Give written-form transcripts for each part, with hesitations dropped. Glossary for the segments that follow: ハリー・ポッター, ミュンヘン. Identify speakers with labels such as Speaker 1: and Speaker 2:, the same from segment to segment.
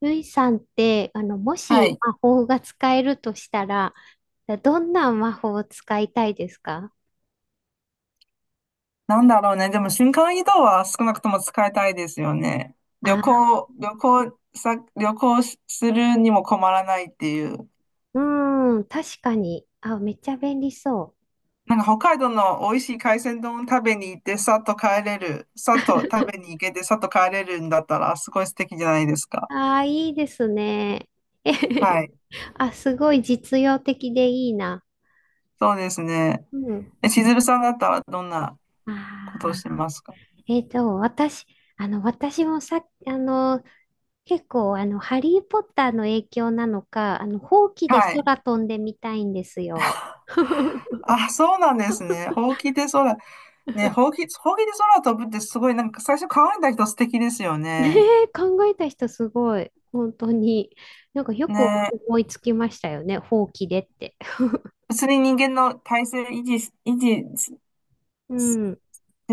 Speaker 1: ルイさんって、も
Speaker 2: は
Speaker 1: し
Speaker 2: い。
Speaker 1: 魔法が使えるとしたら、どんな魔法を使いたいですか？
Speaker 2: なんだろうね。でも瞬間移動は少なくとも使いたいですよね。旅
Speaker 1: あ、
Speaker 2: 行、旅行さ、旅行するにも困らないっていう。
Speaker 1: うーん、確かに。あ、めっちゃ便利そう。
Speaker 2: なんか北海道の美味しい海鮮丼食べに行って、さっと帰れる。さっと食 べに行けて、さっと帰れるんだったら、すごい素敵じゃないですか。
Speaker 1: ああ、いいですね。えへ
Speaker 2: は
Speaker 1: へ。
Speaker 2: い。
Speaker 1: あ、すごい実用的でいいな。
Speaker 2: そうですね。
Speaker 1: うん。
Speaker 2: しずるさんだったらどんな
Speaker 1: あ
Speaker 2: ことをし
Speaker 1: あ、
Speaker 2: てますか？
Speaker 1: えっと、私、私もさ、結構、ハリー・ポッターの影響なのか、ほうきで
Speaker 2: はい。
Speaker 1: 空飛んでみたいんですよ。
Speaker 2: あ、そうなんですね。ほうきで空。ね、ほうきで空飛ぶってすごい、なんか最初考えた人素敵ですよ
Speaker 1: ね
Speaker 2: ね。
Speaker 1: え、考えた人すごい。本当に。なんかよく
Speaker 2: ねえ、
Speaker 1: 思いつきましたよね。ほうきでって。
Speaker 2: 普通に人間の体勢維持し
Speaker 1: うん。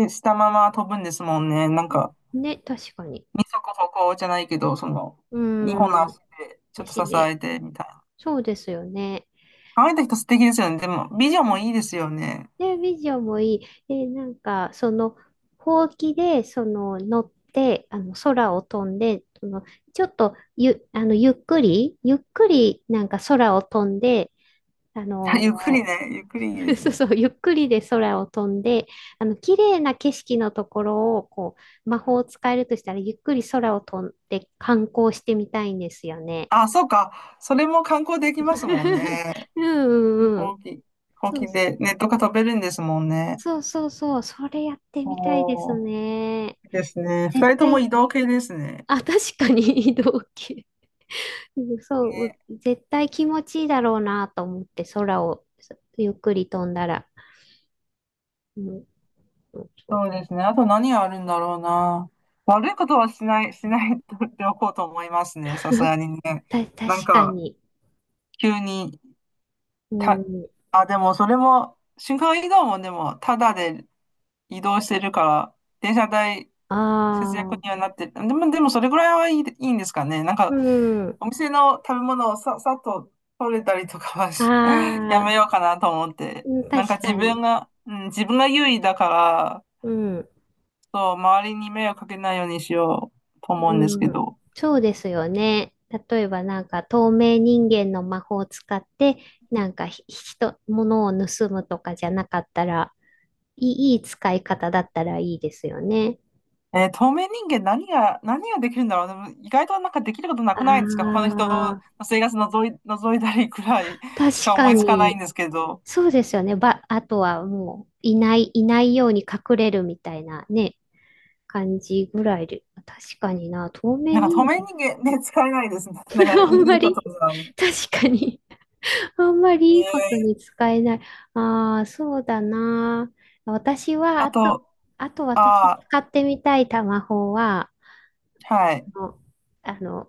Speaker 2: したまま飛ぶんですもんね。なんか、
Speaker 1: ね、確かに。
Speaker 2: 二足歩行じゃないけど、その、
Speaker 1: う
Speaker 2: 二本の
Speaker 1: ん。
Speaker 2: 足でちょっと
Speaker 1: 足
Speaker 2: 支
Speaker 1: で。
Speaker 2: えてみたいな。
Speaker 1: そうですよね。
Speaker 2: 考えた人素敵ですよね。でも、美女もいいですよね。
Speaker 1: で、ビジョンもいい。で、なんか、ほうきで、乗って、空を飛んで、ちょっと、ゆ、あの、ゆっくり、ゆっくり、なんか空を飛んで、あ
Speaker 2: あゆっくり
Speaker 1: の、
Speaker 2: ね、ゆっくりいいで す
Speaker 1: そう
Speaker 2: ね。
Speaker 1: そう、ゆっくりで空を飛んで、綺麗な景色のところを、こう、魔法を使えるとしたら、ゆっくり空を飛んで観光してみたいんですよね。
Speaker 2: あ、そうか。それも観光できますもん ね。
Speaker 1: うんうんう
Speaker 2: ほ
Speaker 1: ん。
Speaker 2: うき、ほう
Speaker 1: そう
Speaker 2: きでネットが飛べるんですもんね。
Speaker 1: そうそうそう、それやってみたいです
Speaker 2: おー、
Speaker 1: ね。
Speaker 2: いいですね。二
Speaker 1: 絶
Speaker 2: 人とも移
Speaker 1: 対、
Speaker 2: 動系ですね。
Speaker 1: あ、確かに。 移動系。うん、そう、
Speaker 2: ね、
Speaker 1: 絶対気持ちいいだろうなと思って、空をゆっくり飛んだら。うん、そうそう、
Speaker 2: そうですね。あと何があるんだろうな。悪いことはしない、しないとっておこうと思いますね。さすがにね。なん
Speaker 1: 確か
Speaker 2: か、
Speaker 1: に。
Speaker 2: 急に、
Speaker 1: う
Speaker 2: た、
Speaker 1: ん、
Speaker 2: あ、でもそれも、瞬間移動もでも、ただで移動してるから、電車代
Speaker 1: あ
Speaker 2: 節約には
Speaker 1: あ。
Speaker 2: なってる。でもそれぐらいはいいんですかね。なん
Speaker 1: う
Speaker 2: か、
Speaker 1: ん。あ
Speaker 2: お店の食べ物をさ、さっと取れたりとかはし や
Speaker 1: あ、
Speaker 2: めようかなと思って。
Speaker 1: うん、
Speaker 2: なんか
Speaker 1: 確か
Speaker 2: 自分
Speaker 1: に。
Speaker 2: が、うん、自分が優位だから、
Speaker 1: うん。
Speaker 2: そう、周りに迷惑かけないようにしようと思うんですけ
Speaker 1: うん。
Speaker 2: ど。
Speaker 1: そうですよね。例えばなんか透明人間の魔法を使って、なんか物を盗むとかじゃなかったら、いいい使い方だったらいいですよね。
Speaker 2: 透明人間何ができるんだろう。でも意外となんかできることなくないですか？他の
Speaker 1: あ
Speaker 2: 人の
Speaker 1: あ、
Speaker 2: 生活のぞい、覗いたりくらいし
Speaker 1: 確
Speaker 2: か思
Speaker 1: か
Speaker 2: いつかないん
Speaker 1: に。
Speaker 2: ですけど。
Speaker 1: そうですよね。あとはもう、いないように隠れるみたいなね、感じぐらいで。確かにな、透明
Speaker 2: なんか
Speaker 1: 人
Speaker 2: 透明
Speaker 1: 間。
Speaker 2: 人間ね、使えないですね。だか らい
Speaker 1: あん
Speaker 2: い、い
Speaker 1: ま
Speaker 2: いこと
Speaker 1: り、
Speaker 2: ですよね。
Speaker 1: 確かに、あんま
Speaker 2: ね
Speaker 1: りいいことに
Speaker 2: え、
Speaker 1: 使えない。ああ、そうだな。私は、
Speaker 2: あ
Speaker 1: あと、
Speaker 2: と、
Speaker 1: あと
Speaker 2: あ
Speaker 1: 私
Speaker 2: あ、
Speaker 1: 使ってみたいタマホは、
Speaker 2: はい。
Speaker 1: あの、あの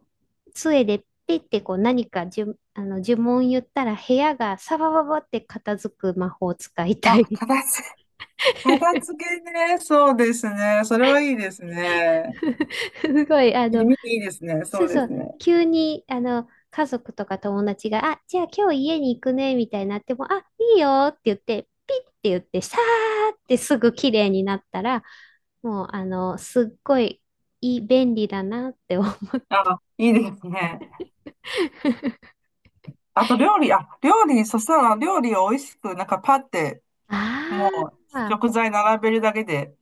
Speaker 1: 杖でピッてこう何かじゅ、あの呪文言ったら部屋がサバババって片付く魔法を使いた
Speaker 2: あ、
Speaker 1: い。
Speaker 2: 片付けね。そうですね。それはいいですね。
Speaker 1: すごい、
Speaker 2: 意味いいですね。
Speaker 1: そ
Speaker 2: そ
Speaker 1: う
Speaker 2: うで
Speaker 1: そ
Speaker 2: す
Speaker 1: う、
Speaker 2: ね。
Speaker 1: 急に、家族とか友達が、あ、じゃあ今日家に行くね、みたいになっても、あ、いいよって言って、ピッって言って、さーってすぐ綺麗になったら、もう、すっごい、いい、便利だなって思う。
Speaker 2: あ、いいですね。あと、料理、あ、料理、そしたら料理を美味しく、なんかパって、
Speaker 1: あ
Speaker 2: もう
Speaker 1: あ、
Speaker 2: 食材並べるだけで、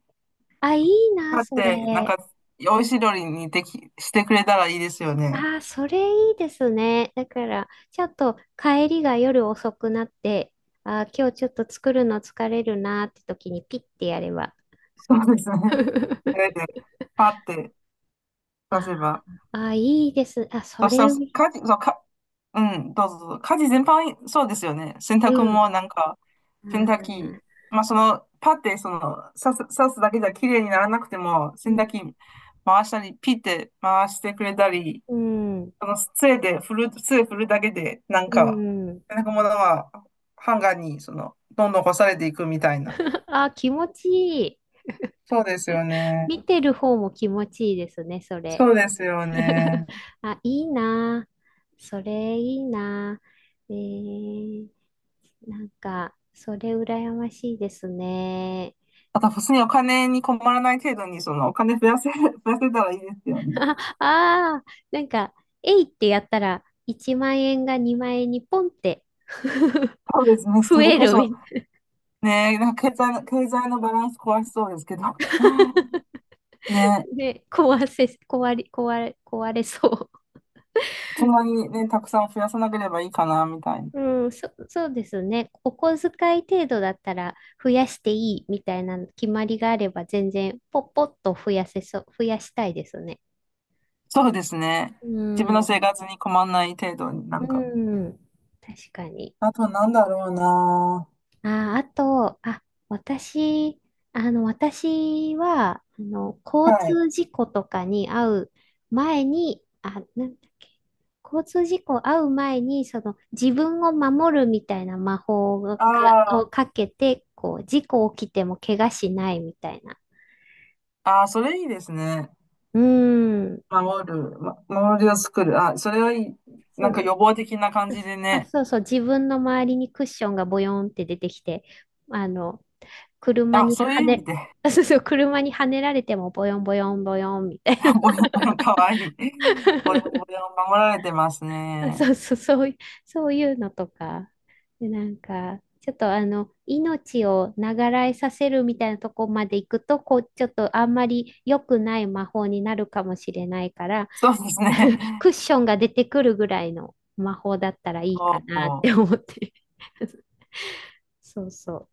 Speaker 1: あ、いいな、
Speaker 2: パっ
Speaker 1: そ
Speaker 2: て、なん
Speaker 1: れ。
Speaker 2: か美味しい料理にしてくれたらいいですよね。
Speaker 1: ああ、それいいですね。だから、ちょっと帰りが夜遅くなって、ああ、今日ちょっと作るの疲れるなって時にピッてやれば。
Speaker 2: そうですね。それで、パって出
Speaker 1: あ
Speaker 2: せば。
Speaker 1: あ、いいです。あ、そ
Speaker 2: そし
Speaker 1: れ、
Speaker 2: たら、
Speaker 1: う
Speaker 2: 家事、そう、か、うん、どうぞどうぞ。家事全般、そうですよね。洗濯
Speaker 1: ん。
Speaker 2: もなんか、
Speaker 1: あ
Speaker 2: 洗濯機、
Speaker 1: ー、
Speaker 2: まあその、パってその、刺すだけじゃ綺麗にならなくても、
Speaker 1: う
Speaker 2: 洗
Speaker 1: ん。
Speaker 2: 濯機回したり、ピって回してくれたり、
Speaker 1: うん。
Speaker 2: その、杖で振る、杖振るだけで、なん
Speaker 1: う
Speaker 2: か、
Speaker 1: ん。
Speaker 2: なんかものは、ハンガーに、その、どんどん干されていくみたいな。
Speaker 1: あ、気持ちいい。
Speaker 2: そうですよね。
Speaker 1: 見てる方も気持ちいいですね、それ。
Speaker 2: そうですよね。
Speaker 1: あ、いいなあ。それいいなあ。えー、なんか、それ羨ましいですね。
Speaker 2: あと、普通にお金に困らない程度に、その、お金増やせ、増やせたらいいですよね。
Speaker 1: ああー、なんか、えいってやったら、1万円が2万円にポンって
Speaker 2: そうですね。
Speaker 1: 増
Speaker 2: それ
Speaker 1: え
Speaker 2: こ
Speaker 1: る
Speaker 2: そ、
Speaker 1: みたい
Speaker 2: ね、なんか経済のバランス壊しそうですけど、
Speaker 1: な。
Speaker 2: ね、
Speaker 1: で、壊せ、壊れ、壊れ、壊れそ
Speaker 2: そんなにね、たくさん増やさなければいいかな、みたいな。
Speaker 1: う。うん、そうですね。お小遣い程度だったら増やしていいみたいな決まりがあれば全然ポッポッと増やせそう、増やしたいですね。
Speaker 2: そうですね。
Speaker 1: う
Speaker 2: 自分の
Speaker 1: ん、
Speaker 2: 生活に困らない程度にな
Speaker 1: う
Speaker 2: んか。
Speaker 1: ん、確かに。
Speaker 2: あと、なんだろうな。
Speaker 1: あー、あと、あ、私、私は、交
Speaker 2: はい。
Speaker 1: 通事故とかに遭う前に、あ、なんだっけ、交通事故遭う前に、自分を守るみたいな魔法が、
Speaker 2: あ
Speaker 1: を
Speaker 2: あ、
Speaker 1: かけて、こう、事故起きても怪我しないみたいな。
Speaker 2: ああ、それいいですね。
Speaker 1: うーん、
Speaker 2: 守る、守りを作る。あ、それはいい。
Speaker 1: そ
Speaker 2: なんか
Speaker 1: う、
Speaker 2: 予防的な感じで
Speaker 1: あ、
Speaker 2: ね。
Speaker 1: そうそう、自分の周りにクッションがボヨンって出てきて、あの、車
Speaker 2: あ、
Speaker 1: に
Speaker 2: そういう
Speaker 1: 跳
Speaker 2: 意味
Speaker 1: ね、
Speaker 2: で。
Speaker 1: そうそう、車に跳ねられてもボヨンボヨンボヨンみたいな。
Speaker 2: ボヨボヨかわいい。ボヨボヨ守られてます ね。
Speaker 1: そうそう、そういうのとか。で、なんか、ちょっと命を長らえさせるみたいなとこまで行くと、こう、ちょっとあんまり良くない魔法になるかもしれないから、
Speaker 2: そうですね。
Speaker 1: クッ ションが出てくるぐらいの魔法だったらいいか
Speaker 2: お
Speaker 1: なっ
Speaker 2: お、
Speaker 1: て思って。そうそ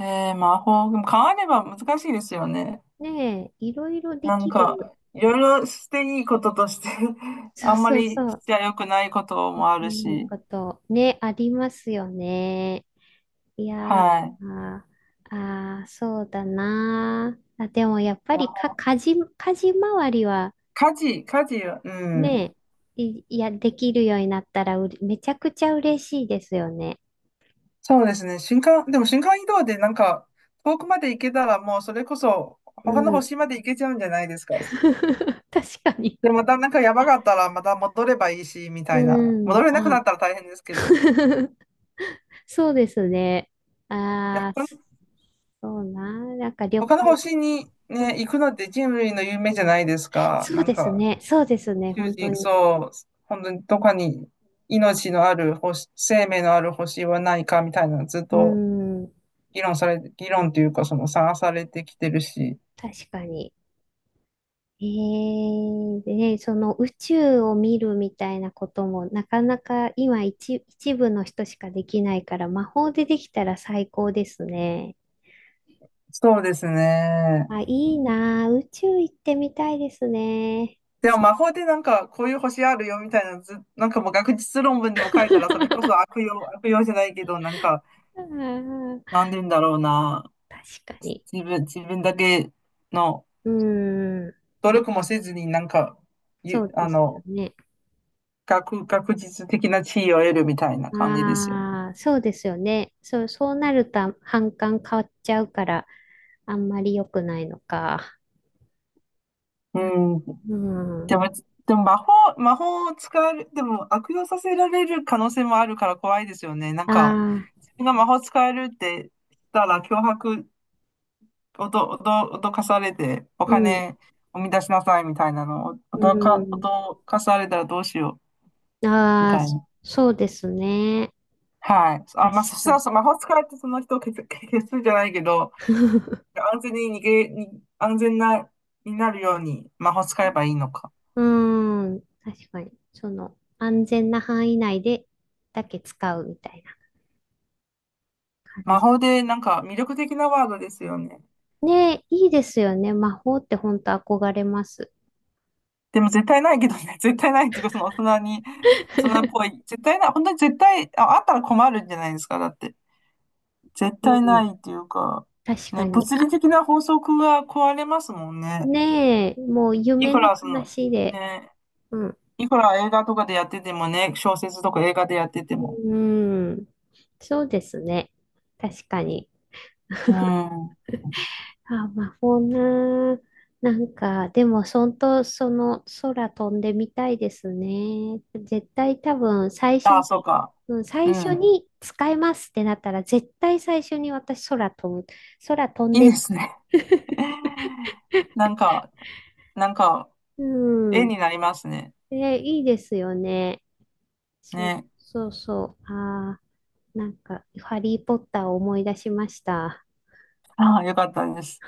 Speaker 2: へえ、魔法、でも変われば難しいですよね。
Speaker 1: う。ねえ、いろいろで
Speaker 2: なん
Speaker 1: きる。
Speaker 2: か、いろいろしていいこととして
Speaker 1: そ
Speaker 2: あ
Speaker 1: う
Speaker 2: んま
Speaker 1: そう
Speaker 2: り
Speaker 1: そ
Speaker 2: し
Speaker 1: う。
Speaker 2: ちゃ良くないこと
Speaker 1: で
Speaker 2: もあ
Speaker 1: き
Speaker 2: る
Speaker 1: ない
Speaker 2: し。
Speaker 1: こと、ね、ありますよね。いやー、
Speaker 2: はい。
Speaker 1: あー、あー、そうだなー。あ、でもやっぱりか、家事周りは
Speaker 2: 家事は、うん。
Speaker 1: ね、いや、できるようになったらめちゃくちゃ嬉しいですよね。
Speaker 2: そうですね。でも新幹移動でなんか、遠くまで行けたらもうそれこそ、
Speaker 1: う
Speaker 2: 他の
Speaker 1: ん。
Speaker 2: 星まで行けちゃうんじゃないですか。
Speaker 1: 確かに。
Speaker 2: で、またなんか山があったらまた戻ればいいし、みたいな。
Speaker 1: う
Speaker 2: 戻
Speaker 1: ん。
Speaker 2: れなくな
Speaker 1: あ。
Speaker 2: ったら大変ですけど。
Speaker 1: そうですね。
Speaker 2: いや、
Speaker 1: ああ、
Speaker 2: 他の
Speaker 1: そうなー。なんか旅
Speaker 2: 他の
Speaker 1: 行、
Speaker 2: 星に
Speaker 1: うん、
Speaker 2: ね、行くのって人類の夢じゃないですか。
Speaker 1: そ
Speaker 2: な
Speaker 1: う
Speaker 2: ん
Speaker 1: です
Speaker 2: か、
Speaker 1: ね。そうです
Speaker 2: 宇
Speaker 1: ね。
Speaker 2: 宙
Speaker 1: 本当
Speaker 2: 人、
Speaker 1: に。
Speaker 2: そう、本当にどこかに命のある星、生命のある星はないか、みたいな、ずっ
Speaker 1: う
Speaker 2: と
Speaker 1: ん。
Speaker 2: 議論され、議論というか、その探されてきてるし。
Speaker 1: 確かに。でね、その宇宙を見るみたいなこともなかなか一部の人しかできないから魔法でできたら最高ですね。
Speaker 2: そうですね。
Speaker 1: あ、いいなあ、宇宙行ってみたいですね。
Speaker 2: でも
Speaker 1: そ
Speaker 2: 魔法でなんかこういう星あるよみたいなず、なんかもう学術論文でも書いたらそれこそ悪 用、悪用じゃないけど、なんか、
Speaker 1: あー、
Speaker 2: なんで言うんだろうな。
Speaker 1: 確かに。
Speaker 2: 自分だけの
Speaker 1: うーん、
Speaker 2: 努力もせずになんか、
Speaker 1: そ
Speaker 2: ゆ
Speaker 1: うで
Speaker 2: あ
Speaker 1: すよ
Speaker 2: の、
Speaker 1: ね。
Speaker 2: 学術的な地位を得るみたいな感じですよね。
Speaker 1: ああ、そうですよね。そう、そうなると反感変わっちゃうからあんまり良くないのか。
Speaker 2: うん。
Speaker 1: う
Speaker 2: で
Speaker 1: ん。
Speaker 2: も、
Speaker 1: あ
Speaker 2: でも魔法を使える、でも悪用させられる可能性もあるから怖いですよね。なんか、
Speaker 1: あ。
Speaker 2: 自分が魔法使えるってしたら脅迫おど、おど、脅かされて、お
Speaker 1: うん。
Speaker 2: 金を生み出しなさいみたいなのを、お
Speaker 1: う
Speaker 2: どか、
Speaker 1: ん。
Speaker 2: 脅かされたらどうしようみ
Speaker 1: ああ、
Speaker 2: たいな。
Speaker 1: そうですね。
Speaker 2: はい。あ、
Speaker 1: 確
Speaker 2: まあ、そし
Speaker 1: か
Speaker 2: たら
Speaker 1: に。
Speaker 2: 魔法使いってその人を 消す、消すじゃないけど、安全に逃げ、に、安全な、になるように魔法使えばいいのか。
Speaker 1: うーん。確かに。安全な範囲内で、だけ使うみたいな感
Speaker 2: 魔
Speaker 1: じ。
Speaker 2: 法でなんか魅力的なワードですよね。
Speaker 1: ねえ、いいですよね。魔法って本当憧れます。
Speaker 2: でも絶対ないけどね、絶対ないっていうか、その大人に、大人っぽ い。絶対ない、本当に絶対、あ、あったら困るんじゃないですか、だって。絶
Speaker 1: う
Speaker 2: 対な
Speaker 1: ん。
Speaker 2: いっていうか、
Speaker 1: 確か
Speaker 2: ね、
Speaker 1: に。
Speaker 2: 物理
Speaker 1: あ、
Speaker 2: 的な法則が壊れますもんね。
Speaker 1: ねえ、もう
Speaker 2: い
Speaker 1: 夢
Speaker 2: く
Speaker 1: の
Speaker 2: らその、
Speaker 1: 話で。
Speaker 2: ね、
Speaker 1: うん。
Speaker 2: いくら映画とかでやっててもね、小説とか映画でやってても。
Speaker 1: うん。そうですね。確かに。
Speaker 2: うん。
Speaker 1: あ、魔法な。なんか、でも、そんと、その、空飛んでみたいですね。絶対多分、最初
Speaker 2: ああ、そう
Speaker 1: に、
Speaker 2: か。
Speaker 1: うん、
Speaker 2: う
Speaker 1: 最初
Speaker 2: ん。
Speaker 1: に使えますってなったら、絶対最初に私、空飛ぶ。空飛ん
Speaker 2: いいで
Speaker 1: で、
Speaker 2: すね。なんか、なんか、
Speaker 1: う
Speaker 2: 絵
Speaker 1: ん。
Speaker 2: になりますね。
Speaker 1: え、いいですよね。そう、
Speaker 2: ね。
Speaker 1: そうそう。ああ、なんか、ハリーポッターを思い出しました。
Speaker 2: ああ、よかったです。